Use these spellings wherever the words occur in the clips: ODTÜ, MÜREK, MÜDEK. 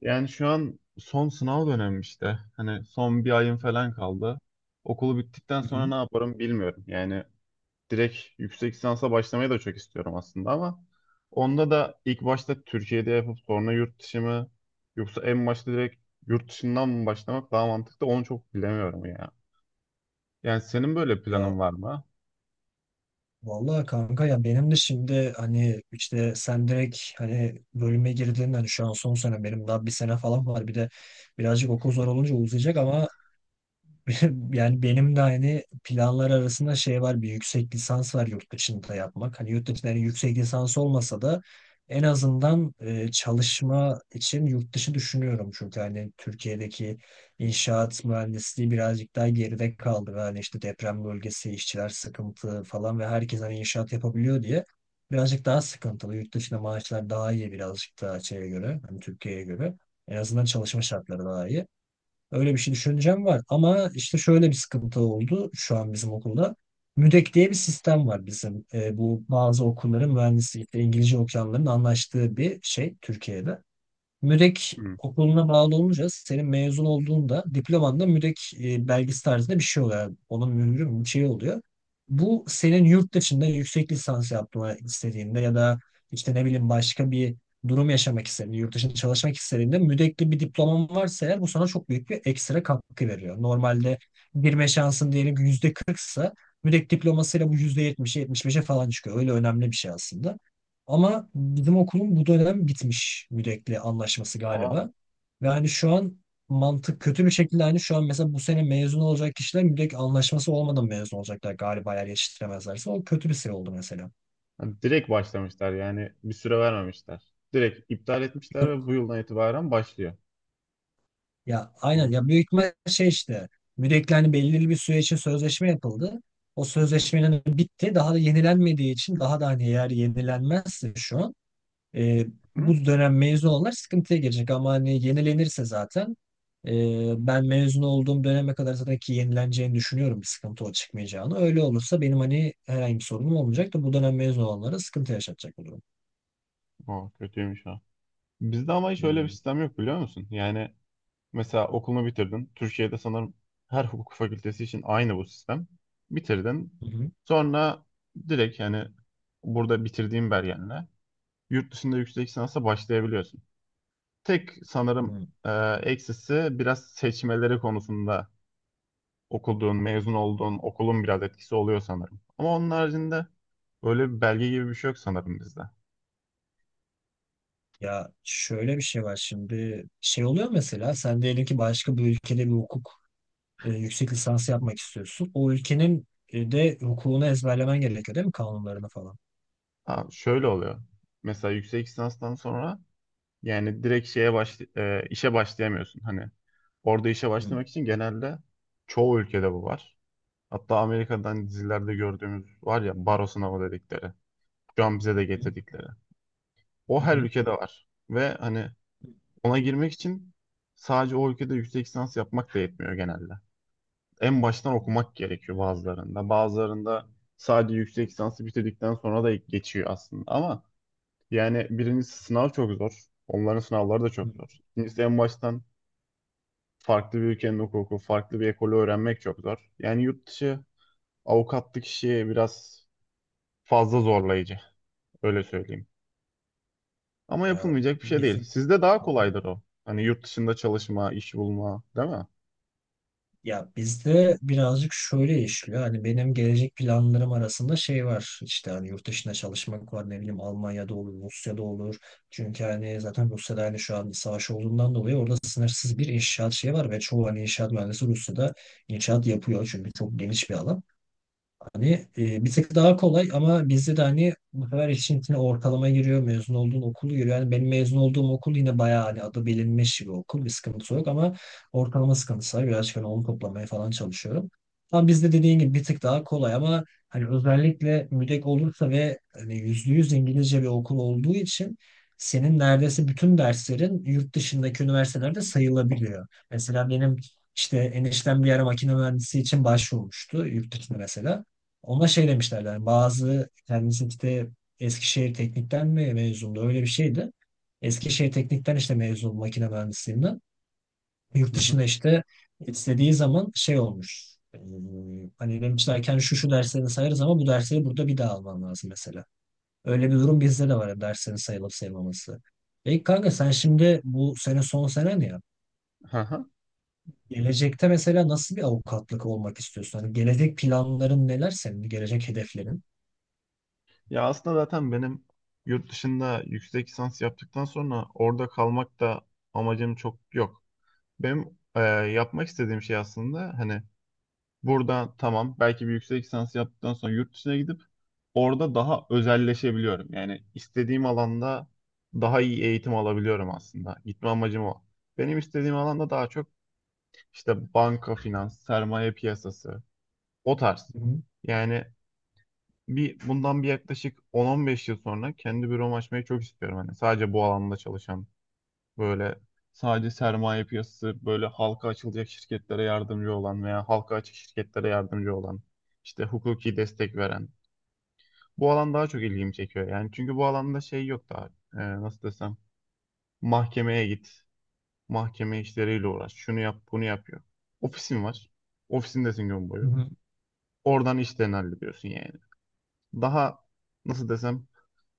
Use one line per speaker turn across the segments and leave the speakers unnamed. Yani şu an son sınav dönemim işte. Hani son bir ayım
Hı
falan kaldı. Okulu bittikten sonra
hı.
ne yaparım bilmiyorum. Yani direkt yüksek lisansa başlamayı da çok istiyorum aslında ama onda da ilk başta Türkiye'de yapıp sonra yurt dışı mı yoksa en başta direkt yurt dışından mı başlamak daha mantıklı onu çok bilemiyorum ya. Yani senin böyle
Ya
planın var mı?
vallahi kanka ya benim de şimdi hani işte sen direkt hani bölüme girdin hani şu an son sene benim daha bir sene falan var bir de birazcık okul zor olunca uzayacak ama Yani benim de hani planlar arasında şey var bir yüksek lisans var yurt dışında yapmak. Hani yurt dışında yani yüksek lisans olmasa da en azından çalışma için yurt dışı düşünüyorum. Çünkü hani Türkiye'deki inşaat mühendisliği birazcık daha geride kaldı. Ve hani işte deprem bölgesi, işçiler sıkıntı falan ve herkes hani inşaat yapabiliyor diye birazcık daha sıkıntılı. Yurt dışında maaşlar daha iyi birazcık daha şeye göre, hani Türkiye'ye göre. En azından çalışma şartları daha iyi. Öyle bir şey düşüneceğim var. Ama işte şöyle bir sıkıntı oldu şu an bizim okulda. MÜDEK diye bir sistem var bizim. Bu bazı okulların mühendislikte İngilizce okuyanların anlaştığı bir şey Türkiye'de. MÜREK
Hı.
okuluna bağlı olunca senin mezun olduğunda diplomanda MÜREK belgesi tarzında bir şey oluyor. Yani onun mührü mü, bir şey oluyor. Bu senin yurt dışında yüksek lisans yapmanı istediğinde ya da işte ne bileyim başka bir durum yaşamak istediğinde, yurt dışında çalışmak istediğinde mürekli bir diploman varsa eğer bu sana çok büyük bir ekstra katkı veriyor. Normalde girme şansın diyelim ki %40'sa müdek diplomasıyla bu %70'e 75'e falan çıkıyor. Öyle önemli bir şey aslında. Ama bizim okulun bu dönem bitmiş müdekli anlaşması
Aa,
galiba. Ve hani şu an mantık kötü bir şekilde hani şu an mesela bu sene mezun olacak kişiler müdek anlaşması olmadan mezun olacaklar galiba eğer yetiştiremezlerse. O kötü bir şey oldu mesela.
hani direkt başlamışlar yani bir süre vermemişler. Direkt iptal etmişler ve
Yok.
bu yıldan itibaren başlıyor.
Ya aynen
Aa.
ya büyük ihtimal şey işte müdekli hani belirli bir süre için sözleşme yapıldı. O sözleşmenin bitti. Daha da yenilenmediği için daha da hani eğer yenilenmezse şu an E,
Hı?
bu dönem mezun olanlar sıkıntıya girecek ama hani yenilenirse zaten ben mezun olduğum döneme kadar zaten ki yenileneceğini düşünüyorum bir sıkıntı o çıkmayacağını. Öyle olursa benim hani herhangi bir sorunum olmayacak da bu dönem mezun olanlara sıkıntı yaşatacak bu durum.
Aa, kötüymüş ha. Bizde ama hiç öyle bir
Hmm.
sistem yok biliyor musun? Yani mesela okulunu bitirdin. Türkiye'de sanırım her hukuk fakültesi için aynı bu sistem. Bitirdin.
Hı hı.
Sonra direkt yani burada bitirdiğin belgenle yurt dışında yüksek lisansa başlayabiliyorsun. Tek sanırım
Hmm.
eksisi biraz seçmeleri konusunda okuduğun, mezun olduğun okulun biraz etkisi oluyor sanırım. Ama onun haricinde öyle bir belge gibi bir şey yok sanırım bizde.
Ya şöyle bir şey var şimdi şey oluyor mesela sen diyelim ki başka bir ülkede bir hukuk yüksek lisansı yapmak istiyorsun. O ülkenin de hukukunu ezberlemen gerekiyor değil mi kanunlarını falan?
Ha, şöyle oluyor. Mesela yüksek lisanstan sonra yani direkt işe başlayamıyorsun. Hani orada işe
Hı hı.
başlamak için genelde çoğu ülkede bu var. Hatta Amerika'dan dizilerde gördüğümüz var ya baro sınavı dedikleri. Şu an bize de getirdikleri. O
Hı
her
hı.
ülkede var. Ve hani ona girmek için sadece o ülkede yüksek lisans yapmak da yetmiyor genelde. En baştan
Hı
okumak gerekiyor bazılarında. Bazılarında sadece yüksek lisansı bitirdikten sonra da geçiyor aslında. Ama yani birincisi sınav çok zor. Onların sınavları da
hı.
çok zor. İkincisi en baştan farklı bir ülkenin hukuku, farklı bir ekolü öğrenmek çok zor. Yani yurt dışı avukatlık işi biraz fazla zorlayıcı, öyle söyleyeyim. Ama
Ya
yapılmayacak bir şey değil.
bizim
Sizde daha kolaydır o. Hani yurt dışında çalışma, iş bulma, değil mi?
ya bizde birazcık şöyle işliyor. Hani benim gelecek planlarım arasında şey var. İşte hani yurt dışına çalışmak var. Ne bileyim Almanya'da olur, Rusya'da olur. Çünkü hani zaten Rusya'da hani şu an bir savaş olduğundan dolayı orada sınırsız bir inşaat şeyi var ve çoğu hani inşaat mühendisi Rusya'da inşaat yapıyor. Çünkü çok geniş bir alan. Hani bir tık daha kolay ama bizde de hani bu sefer işin içine ortalama giriyor, mezun olduğun okulu giriyor. Yani benim mezun olduğum okul yine bayağı hani adı bilinmiş bir okul, bir sıkıntısı yok ama ortalama sıkıntısı var. Birazcık hani onu toplamaya falan çalışıyorum. Ama bizde dediğin gibi bir tık daha kolay ama hani özellikle müdek olursa ve hani %100 İngilizce bir okul olduğu için senin neredeyse bütün derslerin yurt dışındaki üniversitelerde sayılabiliyor. Mesela benim işte eniştem bir yere makine mühendisi için başvurmuştu yurt dışında mesela. Ona şey demişlerdi. Yani bazı kendisi işte Eskişehir Teknik'ten mi mezundu? Öyle bir şeydi. Eskişehir Teknik'ten işte mezun makine mühendisliğinden. Yurt
Hı hı.
dışında işte istediği zaman şey olmuş. Hani demişlerken şu şu derslerini sayarız ama bu dersleri burada bir daha alman lazım mesela. Öyle bir durum bizde de var ya, derslerin sayılıp sayılmaması. Peki kanka sen şimdi bu sene son senen ya.
Hı hı.
Gelecekte mesela nasıl bir avukatlık olmak istiyorsun? Hani gelecek planların neler senin? Gelecek hedeflerin?
Ya aslında zaten benim yurt dışında yüksek lisans yaptıktan sonra orada kalmak da amacım çok yok. Benim yapmak istediğim şey aslında hani buradan tamam belki bir yüksek lisans yaptıktan sonra yurt dışına gidip orada daha özelleşebiliyorum. Yani istediğim alanda daha iyi eğitim alabiliyorum aslında. Gitme amacım o. Benim istediğim alanda daha çok işte banka, finans, sermaye piyasası o tarz.
Hı
Yani bundan yaklaşık 10-15 yıl sonra kendi büromu açmayı çok istiyorum. Hani sadece bu alanda çalışan böyle sadece sermaye piyasası böyle halka açılacak şirketlere yardımcı olan veya halka açık şirketlere yardımcı olan işte hukuki destek veren bu alan daha çok ilgimi çekiyor. Yani çünkü bu alanda şey yok daha. Nasıl desem. Mahkemeye git. Mahkeme işleriyle uğraş. Şunu yap, bunu yap yok. Ofisin var. Ofisindesin gün boyu.
hı.
Oradan işlerini hallediyorsun yani. Daha nasıl desem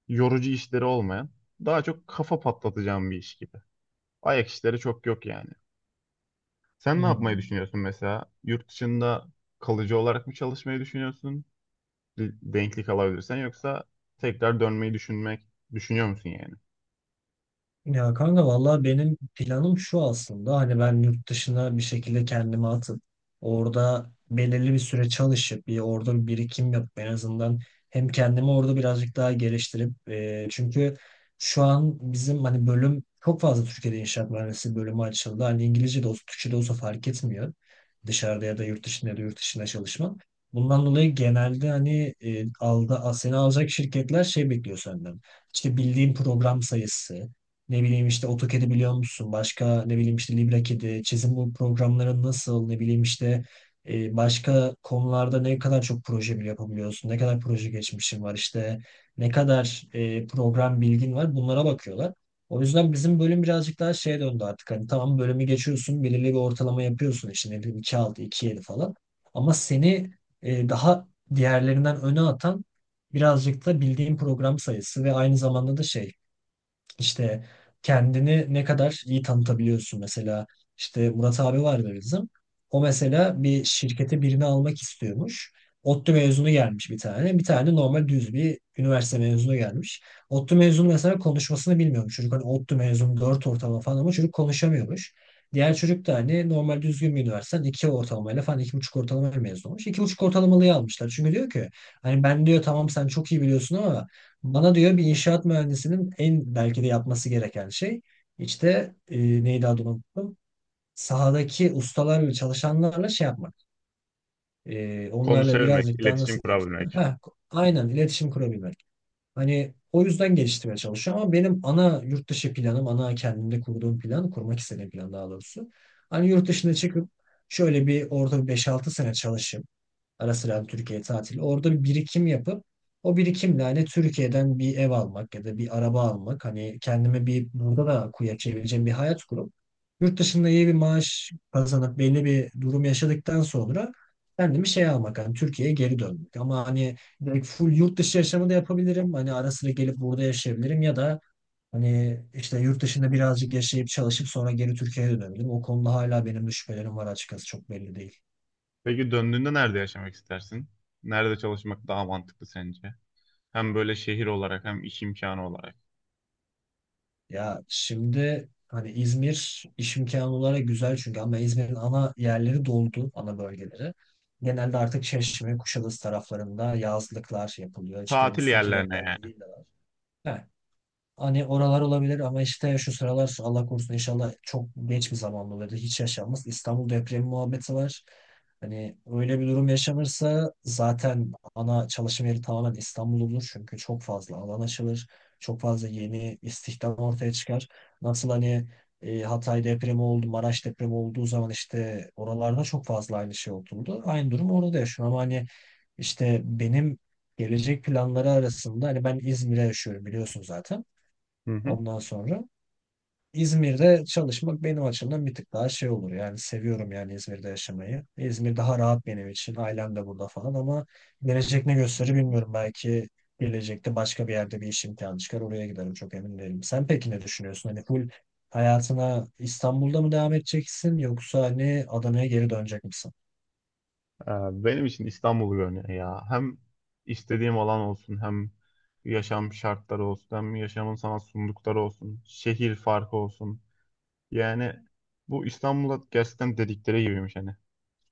yorucu işleri olmayan, daha çok kafa patlatacağım bir iş gibi. Ayak işleri çok yok yani. Sen ne yapmayı
Hmm.
düşünüyorsun mesela? Yurt dışında kalıcı olarak mı çalışmayı düşünüyorsun? Denklik alabilirsen yoksa tekrar dönmeyi düşünmek düşünüyor musun yani?
Ya kanka vallahi benim planım şu aslında hani ben yurt dışına bir şekilde kendimi atıp orada belirli bir süre çalışıp bir orada bir birikim yapıp en azından hem kendimi orada birazcık daha geliştirip çünkü şu an bizim hani bölüm çok fazla Türkiye'de inşaat mühendisliği bölümü açıldı. Hani İngilizce de olsa Türkçe de olsa fark etmiyor. Dışarıda ya da yurt dışında çalışma. Bundan dolayı genelde hani seni alacak şirketler şey bekliyor senden. İşte bildiğin program sayısı, ne bileyim işte AutoCAD'i biliyor musun? Başka ne bileyim işte LibreCAD'i, çizim bu programları nasıl? Ne bileyim işte başka konularda ne kadar çok proje bile yapabiliyorsun? Ne kadar proje geçmişin var? İşte ne kadar program bilgin var? Bunlara bakıyorlar. O yüzden bizim bölüm birazcık daha şeye döndü artık. Hani tamam bölümü geçiyorsun, belirli bir ortalama yapıyorsun. İşte ne bileyim 2,6, 2,7 falan. Ama seni daha diğerlerinden öne atan birazcık da bildiğin program sayısı ve aynı zamanda da şey işte kendini ne kadar iyi tanıtabiliyorsun. Mesela işte Murat abi vardı bizim. O mesela bir şirkete birini almak istiyormuş. ODTÜ mezunu gelmiş bir tane. Bir tane normal düz bir üniversite mezunu gelmiş. ODTÜ mezunu mesela konuşmasını bilmiyormuş. Çocuk hani ODTÜ mezunu dört ortalama falan ama çocuk konuşamıyormuş. Diğer çocuk da hani normal düzgün bir üniversiteden 2 ortalamayla falan 2,5 ortalama mezun olmuş. 2,5 ortalamalıyı almışlar. Çünkü diyor ki hani ben diyor tamam sen çok iyi biliyorsun ama bana diyor bir inşaat mühendisinin en belki de yapması gereken şey işte neydi adını unuttum. Sahadaki ustalarla çalışanlarla şey yapmak. Onlarla
Konuşabilmek,
birazcık daha
iletişim
nasıl diyeyim sana.
kurabilmek.
Heh, aynen iletişim kurabilmek. Hani o yüzden geliştirmeye çalışıyorum ama benim ana yurt dışı planım, ana kendimde kurduğum plan, kurmak istediğim plan daha doğrusu. Hani yurt dışına çıkıp şöyle bir orada 5-6 sene çalışıp ara sıra Türkiye tatili. Orada bir birikim yapıp o birikimle hani Türkiye'den bir ev almak ya da bir araba almak. Hani kendime bir burada da kuya çevireceğim bir hayat kurup yurt dışında iyi bir maaş kazanıp belli bir durum yaşadıktan sonra kendimi şey almak hani Türkiye'ye geri dönmek. Ama hani direkt full yurt dışı yaşamı da yapabilirim. Hani ara sıra gelip burada yaşayabilirim ya da hani işte yurt dışında birazcık yaşayıp çalışıp sonra geri Türkiye'ye dönebilirim. O konuda hala benim de şüphelerim var açıkçası çok belli değil.
Peki döndüğünde nerede yaşamak istersin? Nerede çalışmak daha mantıklı sence? Hem böyle şehir olarak hem iş imkanı olarak.
Ya şimdi hani İzmir iş imkanı olarak güzel çünkü ama İzmir'in ana yerleri doldu, ana bölgeleri. Genelde artık Çeşme, Kuşadası taraflarında yazlıklar yapılıyor. İşte
Tatil
müstakil
yerlerine
evler,
yani.
villalar. Heh. Hani oralar olabilir ama işte şu sıralar Allah korusun inşallah çok geç bir zamanda olur. Hiç yaşanmaz. İstanbul depremi muhabbeti var. Hani öyle bir durum yaşanırsa zaten ana çalışma yeri tamamen İstanbul olur. Çünkü çok fazla alan açılır. Çok fazla yeni istihdam ortaya çıkar. Nasıl hani Hatay depremi oldu, Maraş depremi olduğu zaman işte oralarda çok fazla aynı şey oldu. Aynı durum orada da yaşanıyor ama hani işte benim gelecek planları arasında hani ben İzmir'e yaşıyorum biliyorsun zaten.
Hı hı.
Ondan sonra İzmir'de çalışmak benim açımdan bir tık daha şey olur. Yani seviyorum yani İzmir'de yaşamayı. İzmir daha rahat benim için. Ailem de burada falan ama gelecek ne gösterir bilmiyorum. Belki gelecekte başka bir yerde bir iş imkanı çıkar. Oraya giderim çok emin değilim. Sen peki ne düşünüyorsun? Hani full hayatına İstanbul'da mı devam edeceksin yoksa hani Adana'ya geri dönecek misin?
Benim için İstanbul görünüyor ya. Hem istediğim alan olsun hem yaşam şartları olsun hem yaşamın sana sundukları olsun. Şehir farkı olsun. Yani bu İstanbul'a gerçekten dedikleri gibiymiş hani.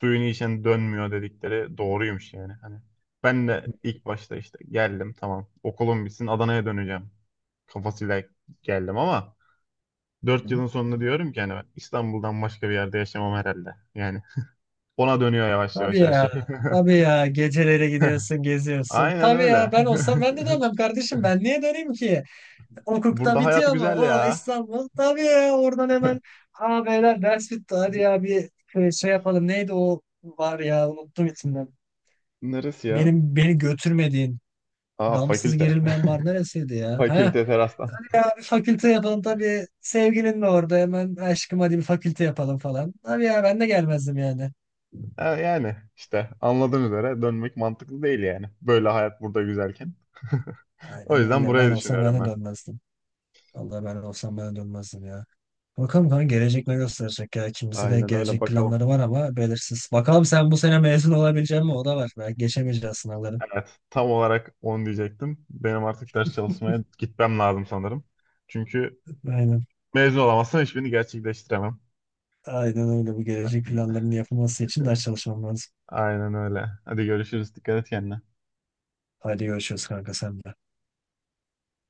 Suyunu içen dönmüyor dedikleri doğruymuş yani. Hani ben de ilk başta işte geldim tamam okulum bitsin Adana'ya döneceğim kafasıyla geldim ama dört
Hı.
yılın sonunda diyorum ki hani ben İstanbul'dan başka bir yerde yaşamam herhalde. Yani ona dönüyor yavaş
Tabii
yavaş her
ya.
şey.
Tabii ya. Gecelere gidiyorsun, geziyorsun.
Aynen
Tabii ya
öyle.
ben olsam ben de dönmem kardeşim. Ben niye döneyim ki? Hukukta
Burada hayat
bitiyor mu?
güzel
O
ya.
İstanbul. Tabii ya oradan hemen Aa beyler ders bitti. Hadi ya bir şey yapalım. Neydi o var ya unuttum isimden.
Neresi ya?
Benim beni götürmediğin
Aa
damsız
fakülte.
gerilmeyen var neresiydi ya? Ha?
Fakülte terastan.
Bir fakülte yapalım tabii. Sevgilin de orada hemen aşkım hadi bir fakülte yapalım falan. Tabii ya ben de gelmezdim yani.
Ha, yani işte anladığın üzere dönmek mantıklı değil yani. Böyle hayat burada güzelken. O
Aynen
yüzden
öyle. Ben
burayı
olsam ben
düşünüyorum.
de dönmezdim. Vallahi ben olsam ben de dönmezdim ya. Bakalım kanka gelecek ne gösterecek ya. İkimizin de
Aynen öyle
gelecek
bakalım.
planları var ama belirsiz. Bakalım sen bu sene mezun olabilecek mi? O da var. Belki geçemeyeceğiz sınavları.
Evet, tam olarak onu diyecektim. Benim artık ders çalışmaya gitmem lazım sanırım. Çünkü
Aynen.
mezun olamazsam hiçbirini gerçekleştiremem.
Aynen öyle. Bu gelecek planlarının yapılması için ders çalışmam lazım.
Aynen öyle. Hadi görüşürüz. Dikkat et kendine.
Hadi görüşürüz kanka sen de.